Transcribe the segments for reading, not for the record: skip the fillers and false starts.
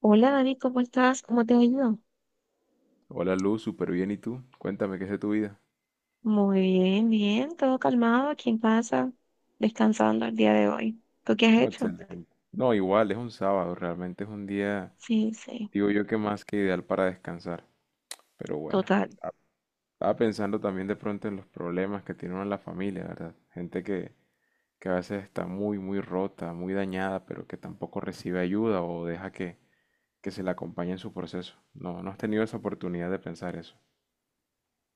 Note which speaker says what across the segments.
Speaker 1: Hola Dani, ¿cómo estás? ¿Cómo te ha ido?
Speaker 2: Hola Luz, súper bien. ¿Y tú? Cuéntame, ¿qué es de tu vida?
Speaker 1: Muy bien, todo calmado aquí en casa, descansando el día de hoy. ¿Tú qué has
Speaker 2: No,
Speaker 1: hecho?
Speaker 2: excelente. No, igual, es un sábado, realmente es un día,
Speaker 1: Sí, sí,
Speaker 2: digo yo que más que ideal para descansar. Pero bueno,
Speaker 1: total.
Speaker 2: estaba pensando también de pronto en los problemas que tiene uno en la familia, ¿verdad? Gente que a veces está muy, muy rota, muy dañada, pero que tampoco recibe ayuda o deja que se le acompañe en su proceso. No, no has tenido esa oportunidad de pensar eso.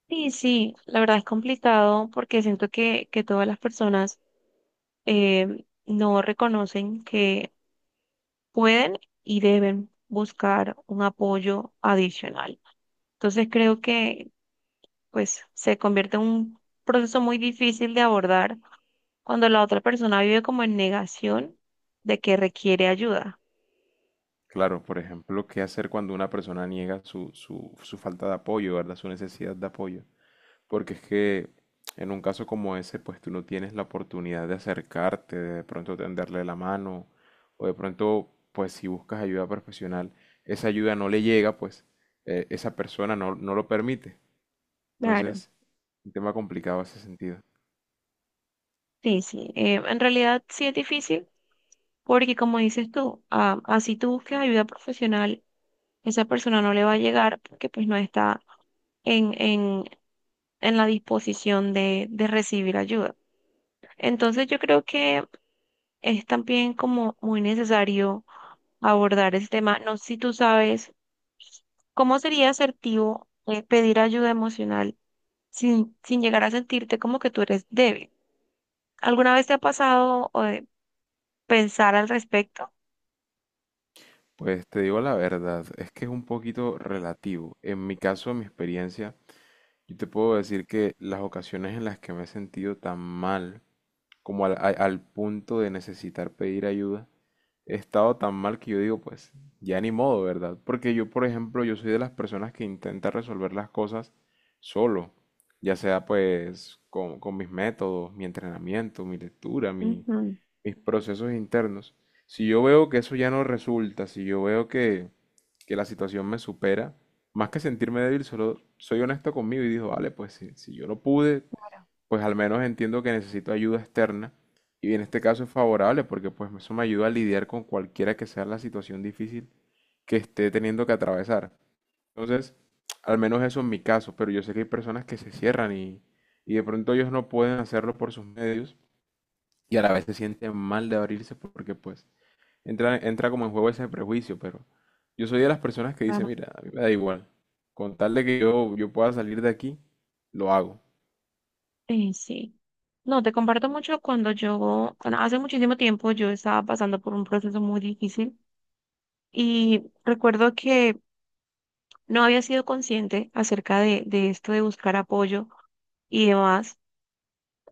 Speaker 1: Sí, sí, la verdad es complicado porque siento que todas las personas no reconocen que pueden y deben buscar un apoyo adicional. Entonces creo que pues se convierte en un proceso muy difícil de abordar cuando la otra persona vive como en negación de que requiere ayuda.
Speaker 2: Claro, por ejemplo, ¿qué hacer cuando una persona niega su falta de apoyo, ¿verdad? Su necesidad de apoyo. Porque es que en un caso como ese, pues tú no tienes la oportunidad de acercarte, de pronto tenderle la mano, o de pronto, pues si buscas ayuda profesional, esa ayuda no le llega, pues esa persona no, no lo permite.
Speaker 1: Claro.
Speaker 2: Entonces, un tema complicado ese sentido.
Speaker 1: Sí, sí. En realidad sí es difícil porque como dices tú, ah, así tú busques ayuda profesional, esa persona no le va a llegar porque pues no está en, en, en la disposición de recibir ayuda. Entonces yo creo que es también como muy necesario abordar ese tema. No sé si tú sabes cómo sería asertivo pedir ayuda emocional sin llegar a sentirte como que tú eres débil. ¿Alguna vez te ha pasado o de pensar al respecto?
Speaker 2: Pues te digo la verdad, es que es un poquito relativo. En mi caso, en mi experiencia, yo te puedo decir que las ocasiones en las que me he sentido tan mal, como al punto de necesitar pedir ayuda, he estado tan mal que yo digo, pues ya ni modo, ¿verdad? Porque yo, por ejemplo, yo soy de las personas que intenta resolver las cosas solo, ya sea pues con mis métodos, mi entrenamiento, mi lectura,
Speaker 1: Ujú,
Speaker 2: mis procesos internos. Si yo veo que eso ya no resulta, si yo veo que la situación me supera, más que sentirme débil, solo soy honesto conmigo y digo, vale, pues si yo no pude, pues al menos entiendo que necesito ayuda externa y en este caso es favorable porque pues eso me ayuda a lidiar con cualquiera que sea la situación difícil que esté teniendo que atravesar. Entonces, al menos eso es mi caso, pero yo sé que hay personas que se cierran y de pronto ellos no pueden hacerlo por sus medios y a la vez se sienten mal de abrirse porque pues entra como en juego ese prejuicio, pero yo soy de las personas que dice
Speaker 1: claro.
Speaker 2: mira, a mí me da igual, con tal de que yo pueda salir de aquí, lo hago.
Speaker 1: Sí, sí. No, te comparto mucho cuando yo, cuando hace muchísimo tiempo yo estaba pasando por un proceso muy difícil y recuerdo que no había sido consciente acerca de esto de buscar apoyo y demás.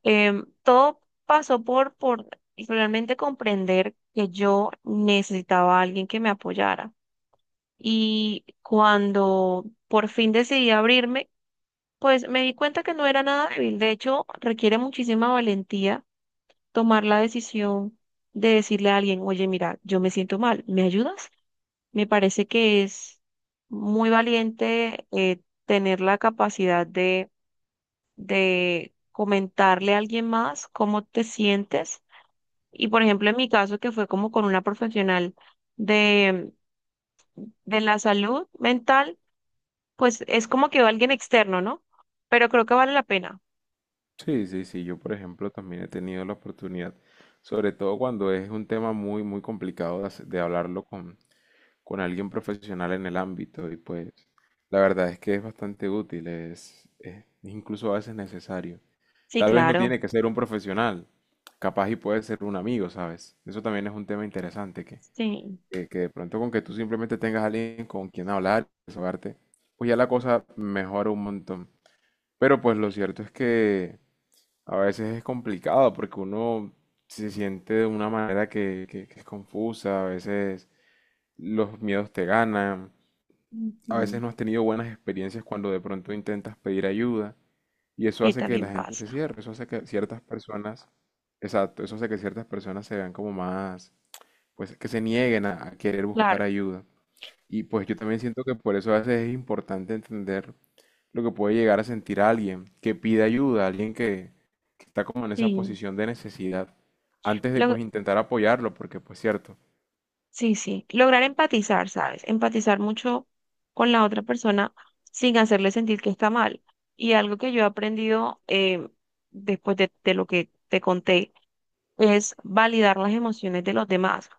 Speaker 1: Todo pasó por realmente comprender que yo necesitaba a alguien que me apoyara y cuando por fin decidí abrirme, pues me di cuenta que no era nada débil. De hecho, requiere muchísima valentía tomar la decisión de decirle a alguien, oye, mira, yo me siento mal, ¿me ayudas? Me parece que es muy valiente tener la capacidad de comentarle a alguien más cómo te sientes. Y por ejemplo, en mi caso, que fue como con una profesional de, de la salud mental, pues es como que alguien externo, ¿no? Pero creo que vale la pena.
Speaker 2: Sí, sí, sí, yo por ejemplo también he tenido la oportunidad, sobre todo cuando es un tema muy, muy complicado de, de hablarlo con alguien profesional en el ámbito y pues la verdad es que es bastante útil, es incluso a veces necesario.
Speaker 1: Sí,
Speaker 2: Tal vez no
Speaker 1: claro.
Speaker 2: tiene que ser un profesional, capaz y puede ser un amigo, ¿sabes? Eso también es un tema interesante
Speaker 1: Sí.
Speaker 2: que de pronto con que tú simplemente tengas alguien con quien hablar, desahogarte, pues ya la cosa mejora un montón. Pero pues lo cierto es que a veces es complicado porque uno se siente de una manera que es confusa, a veces los miedos te ganan, a veces
Speaker 1: Ujú.
Speaker 2: no has tenido buenas experiencias cuando de pronto intentas pedir ayuda y eso
Speaker 1: Sí,
Speaker 2: hace que
Speaker 1: también
Speaker 2: la gente se
Speaker 1: pasa.
Speaker 2: cierre, eso hace que ciertas personas, exacto, eso hace que ciertas personas se vean como más, pues que se nieguen a querer
Speaker 1: Claro.
Speaker 2: buscar ayuda. Y pues yo también siento que por eso a veces es importante entender lo que puede llegar a sentir alguien que pide ayuda, alguien que está como en esa
Speaker 1: Sí.
Speaker 2: posición de necesidad, antes de
Speaker 1: Lo-
Speaker 2: pues intentar apoyarlo, porque pues cierto.
Speaker 1: sí, sí. Lograr empatizar, ¿sabes? Empatizar mucho con la otra persona sin hacerle sentir que está mal. Y algo que yo he aprendido después de lo que te conté es validar las emociones de los demás.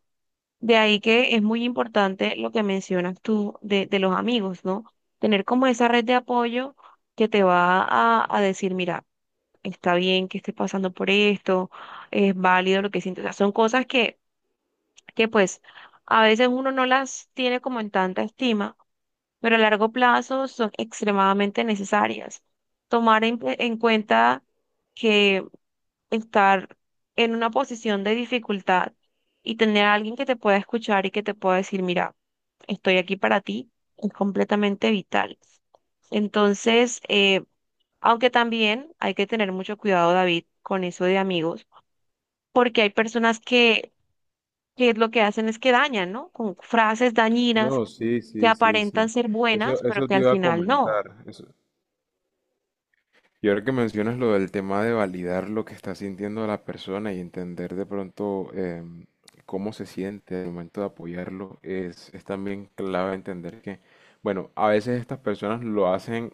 Speaker 1: De ahí que es muy importante lo que mencionas tú de los amigos, ¿no? Tener como esa red de apoyo que te va a decir, mira, está bien que estés pasando por esto, es válido lo que sientes. O sea, son cosas que pues a veces uno no las tiene como en tanta estima, pero a largo plazo son extremadamente necesarias. Tomar en cuenta que estar en una posición de dificultad y tener a alguien que te pueda escuchar y que te pueda decir, mira, estoy aquí para ti, es completamente vital. Entonces, aunque también hay que tener mucho cuidado, David, con eso de amigos, porque hay personas que lo que hacen es que dañan, ¿no? Con frases dañinas
Speaker 2: No, sí,
Speaker 1: que
Speaker 2: sí, sí,
Speaker 1: aparentan
Speaker 2: sí.
Speaker 1: ser buenas,
Speaker 2: Eso,
Speaker 1: pero
Speaker 2: eso
Speaker 1: que
Speaker 2: te
Speaker 1: al
Speaker 2: iba a
Speaker 1: final no.
Speaker 2: comentar. Eso, y ahora que mencionas lo del tema de validar lo que está sintiendo la persona y entender de pronto cómo se siente al momento de apoyarlo, es también clave entender que, bueno, a veces estas personas lo hacen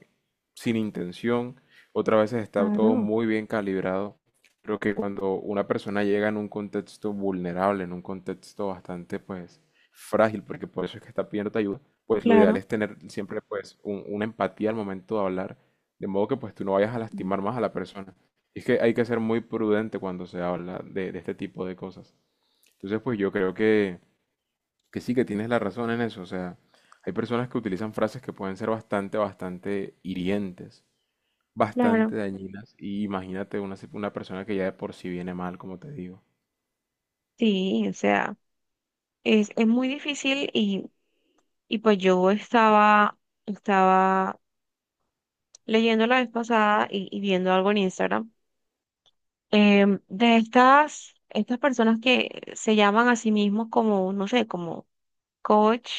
Speaker 2: sin intención, otras veces está todo
Speaker 1: Claro,
Speaker 2: muy bien calibrado. Creo que cuando una persona llega en un contexto vulnerable, en un contexto bastante, pues, frágil, porque por eso es que está pidiendo ayuda, pues lo ideal
Speaker 1: claro,
Speaker 2: es tener siempre, pues, una empatía al momento de hablar de modo que pues tú no vayas a lastimar más a la persona. Y es que hay que ser muy prudente cuando se habla de este tipo de cosas. Entonces pues yo creo que sí que tienes la razón en eso. O sea, hay personas que utilizan frases que pueden ser bastante, bastante hirientes,
Speaker 1: claro.
Speaker 2: bastante dañinas. Y imagínate una, una persona que ya de por sí viene mal, como te digo.
Speaker 1: Sí, o sea, es muy difícil. Y pues yo estaba leyendo la vez pasada y viendo algo en Instagram, de estas personas que se llaman a sí mismos como, no sé, como coach,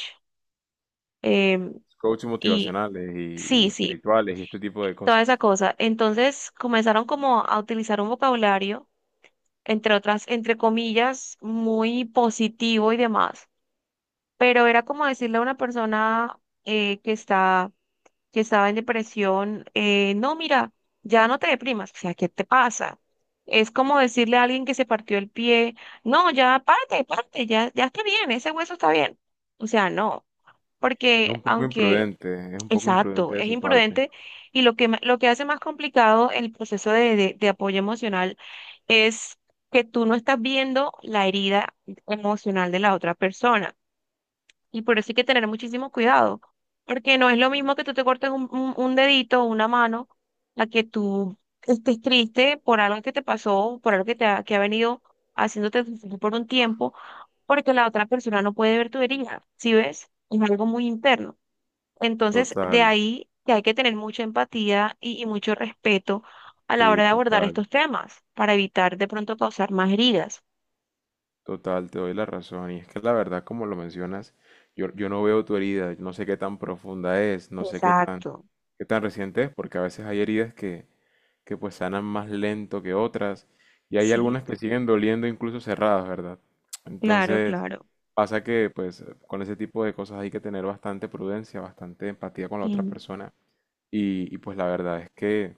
Speaker 1: em,
Speaker 2: Coaches
Speaker 1: y
Speaker 2: motivacionales y
Speaker 1: sí, sí,
Speaker 2: espirituales y este tipo de
Speaker 1: toda esa
Speaker 2: cosas.
Speaker 1: cosa. Entonces comenzaron como a utilizar un vocabulario, entre otras, entre comillas, muy positivo y demás, pero era como decirle a una persona eh, que está que estaba en depresión, no, mira, ya no te deprimas, o sea, ¿qué te pasa? Es como decirle a alguien que se partió el pie, no, ya párate, párate, ya, ya está bien, ese hueso está bien. O sea, no,
Speaker 2: Es
Speaker 1: porque
Speaker 2: un poco
Speaker 1: aunque,
Speaker 2: imprudente, es un poco
Speaker 1: exacto,
Speaker 2: imprudente de
Speaker 1: es
Speaker 2: su parte.
Speaker 1: imprudente y lo lo que hace más complicado el proceso de, de apoyo emocional es que tú no estás viendo la herida emocional de la otra persona. Y por eso hay que tener muchísimo cuidado, porque no es lo mismo que tú te cortes un dedito o una mano a que tú estés triste por algo que te pasó, por algo que te que ha venido haciéndote sufrir por un tiempo, porque la otra persona no puede ver tu herida, ¿sí ves? Es algo muy interno. Entonces, de
Speaker 2: Total,
Speaker 1: ahí que hay que tener mucha empatía y mucho respeto a la hora
Speaker 2: sí,
Speaker 1: de abordar
Speaker 2: total.
Speaker 1: estos temas para evitar de pronto causar más heridas.
Speaker 2: Total, te doy la razón. Y es que la verdad, como lo mencionas, yo no veo tu herida, no sé qué tan profunda es, no sé
Speaker 1: Exacto.
Speaker 2: qué tan reciente es, porque a veces hay heridas que pues sanan más lento que otras, y hay
Speaker 1: Sí,
Speaker 2: algunas que siguen doliendo incluso cerradas, ¿verdad?
Speaker 1: claro,
Speaker 2: Entonces,
Speaker 1: claro.
Speaker 2: pasa que pues con ese tipo de cosas hay que tener bastante prudencia, bastante empatía con la otra
Speaker 1: Mm.
Speaker 2: persona, y, pues la verdad es que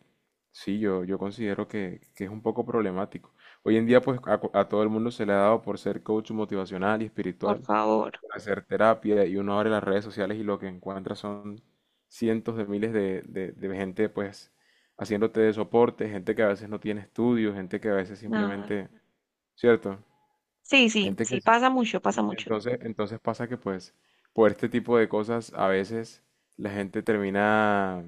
Speaker 2: sí, yo considero que es un poco problemático. Hoy en día pues a todo el mundo se le ha dado por ser coach motivacional y
Speaker 1: Por
Speaker 2: espiritual,
Speaker 1: favor.
Speaker 2: por hacer terapia y uno abre las redes sociales y lo que encuentra son cientos de miles de gente pues haciéndote de soporte, gente que a veces no tiene estudios, gente que a veces
Speaker 1: Nada.
Speaker 2: simplemente, ¿cierto?
Speaker 1: Sí, sí,
Speaker 2: Gente
Speaker 1: sí,
Speaker 2: que sí.
Speaker 1: pasa mucho, pasa mucho.
Speaker 2: Entonces, entonces pasa que pues por este tipo de cosas a veces la gente termina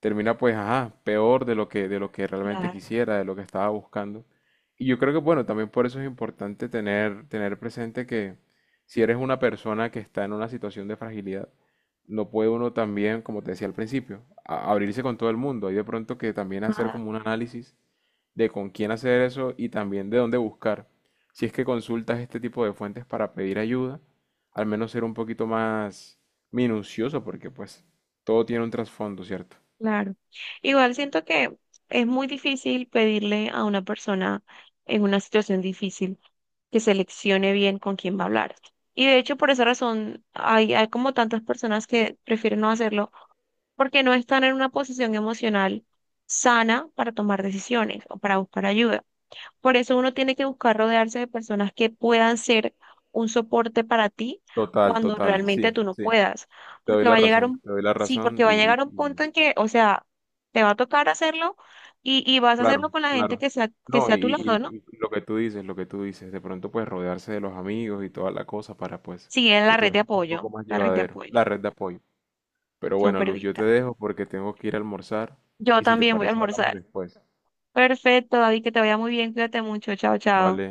Speaker 2: termina pues, ajá, peor de lo que realmente
Speaker 1: Claro,
Speaker 2: quisiera, de lo que estaba buscando. Y yo creo que, bueno, también por eso es importante tener, tener presente que si eres una persona que está en una situación de fragilidad, no puede uno también, como te decía al principio, abrirse con todo el mundo. Hay de pronto que también hacer
Speaker 1: nada,
Speaker 2: como un análisis de con quién hacer eso y también de dónde buscar. Si es que consultas este tipo de fuentes para pedir ayuda, al menos ser un poquito más minucioso, porque pues todo tiene un trasfondo, ¿cierto?
Speaker 1: claro. Igual siento que es muy difícil pedirle a una persona en una situación difícil que seleccione bien con quién va a hablar. Y de hecho, por esa razón, hay como tantas personas que prefieren no hacerlo porque no están en una posición emocional sana para tomar decisiones o para buscar ayuda. Por eso uno tiene que buscar rodearse de personas que puedan ser un soporte para ti
Speaker 2: Total,
Speaker 1: cuando
Speaker 2: total,
Speaker 1: realmente
Speaker 2: sí,
Speaker 1: tú no
Speaker 2: sí, te
Speaker 1: puedas.
Speaker 2: doy
Speaker 1: Porque va
Speaker 2: la
Speaker 1: a llegar
Speaker 2: razón,
Speaker 1: un,
Speaker 2: te doy la
Speaker 1: sí, porque
Speaker 2: razón
Speaker 1: va a llegar un punto en que, o sea, te va a tocar hacerlo y vas a
Speaker 2: claro,
Speaker 1: hacerlo con la gente
Speaker 2: claro.
Speaker 1: que
Speaker 2: No,
Speaker 1: sea
Speaker 2: y,
Speaker 1: a tu lado, ¿no?
Speaker 2: y- y lo que tú dices, lo que tú dices, de pronto pues rodearse de los amigos y toda la cosa para pues
Speaker 1: Sí, en
Speaker 2: que
Speaker 1: la red
Speaker 2: todo
Speaker 1: de
Speaker 2: esto sea un poco
Speaker 1: apoyo,
Speaker 2: más
Speaker 1: la red de
Speaker 2: llevadero,
Speaker 1: apoyo,
Speaker 2: la red de apoyo. Pero bueno,
Speaker 1: súper
Speaker 2: Luz, yo te
Speaker 1: vital.
Speaker 2: dejo porque tengo que ir a almorzar
Speaker 1: Yo
Speaker 2: y si te
Speaker 1: también voy a
Speaker 2: parece hablamos
Speaker 1: almorzar.
Speaker 2: después,
Speaker 1: Perfecto, David, que te vaya muy bien, cuídate mucho, chao, chao.
Speaker 2: ¿vale?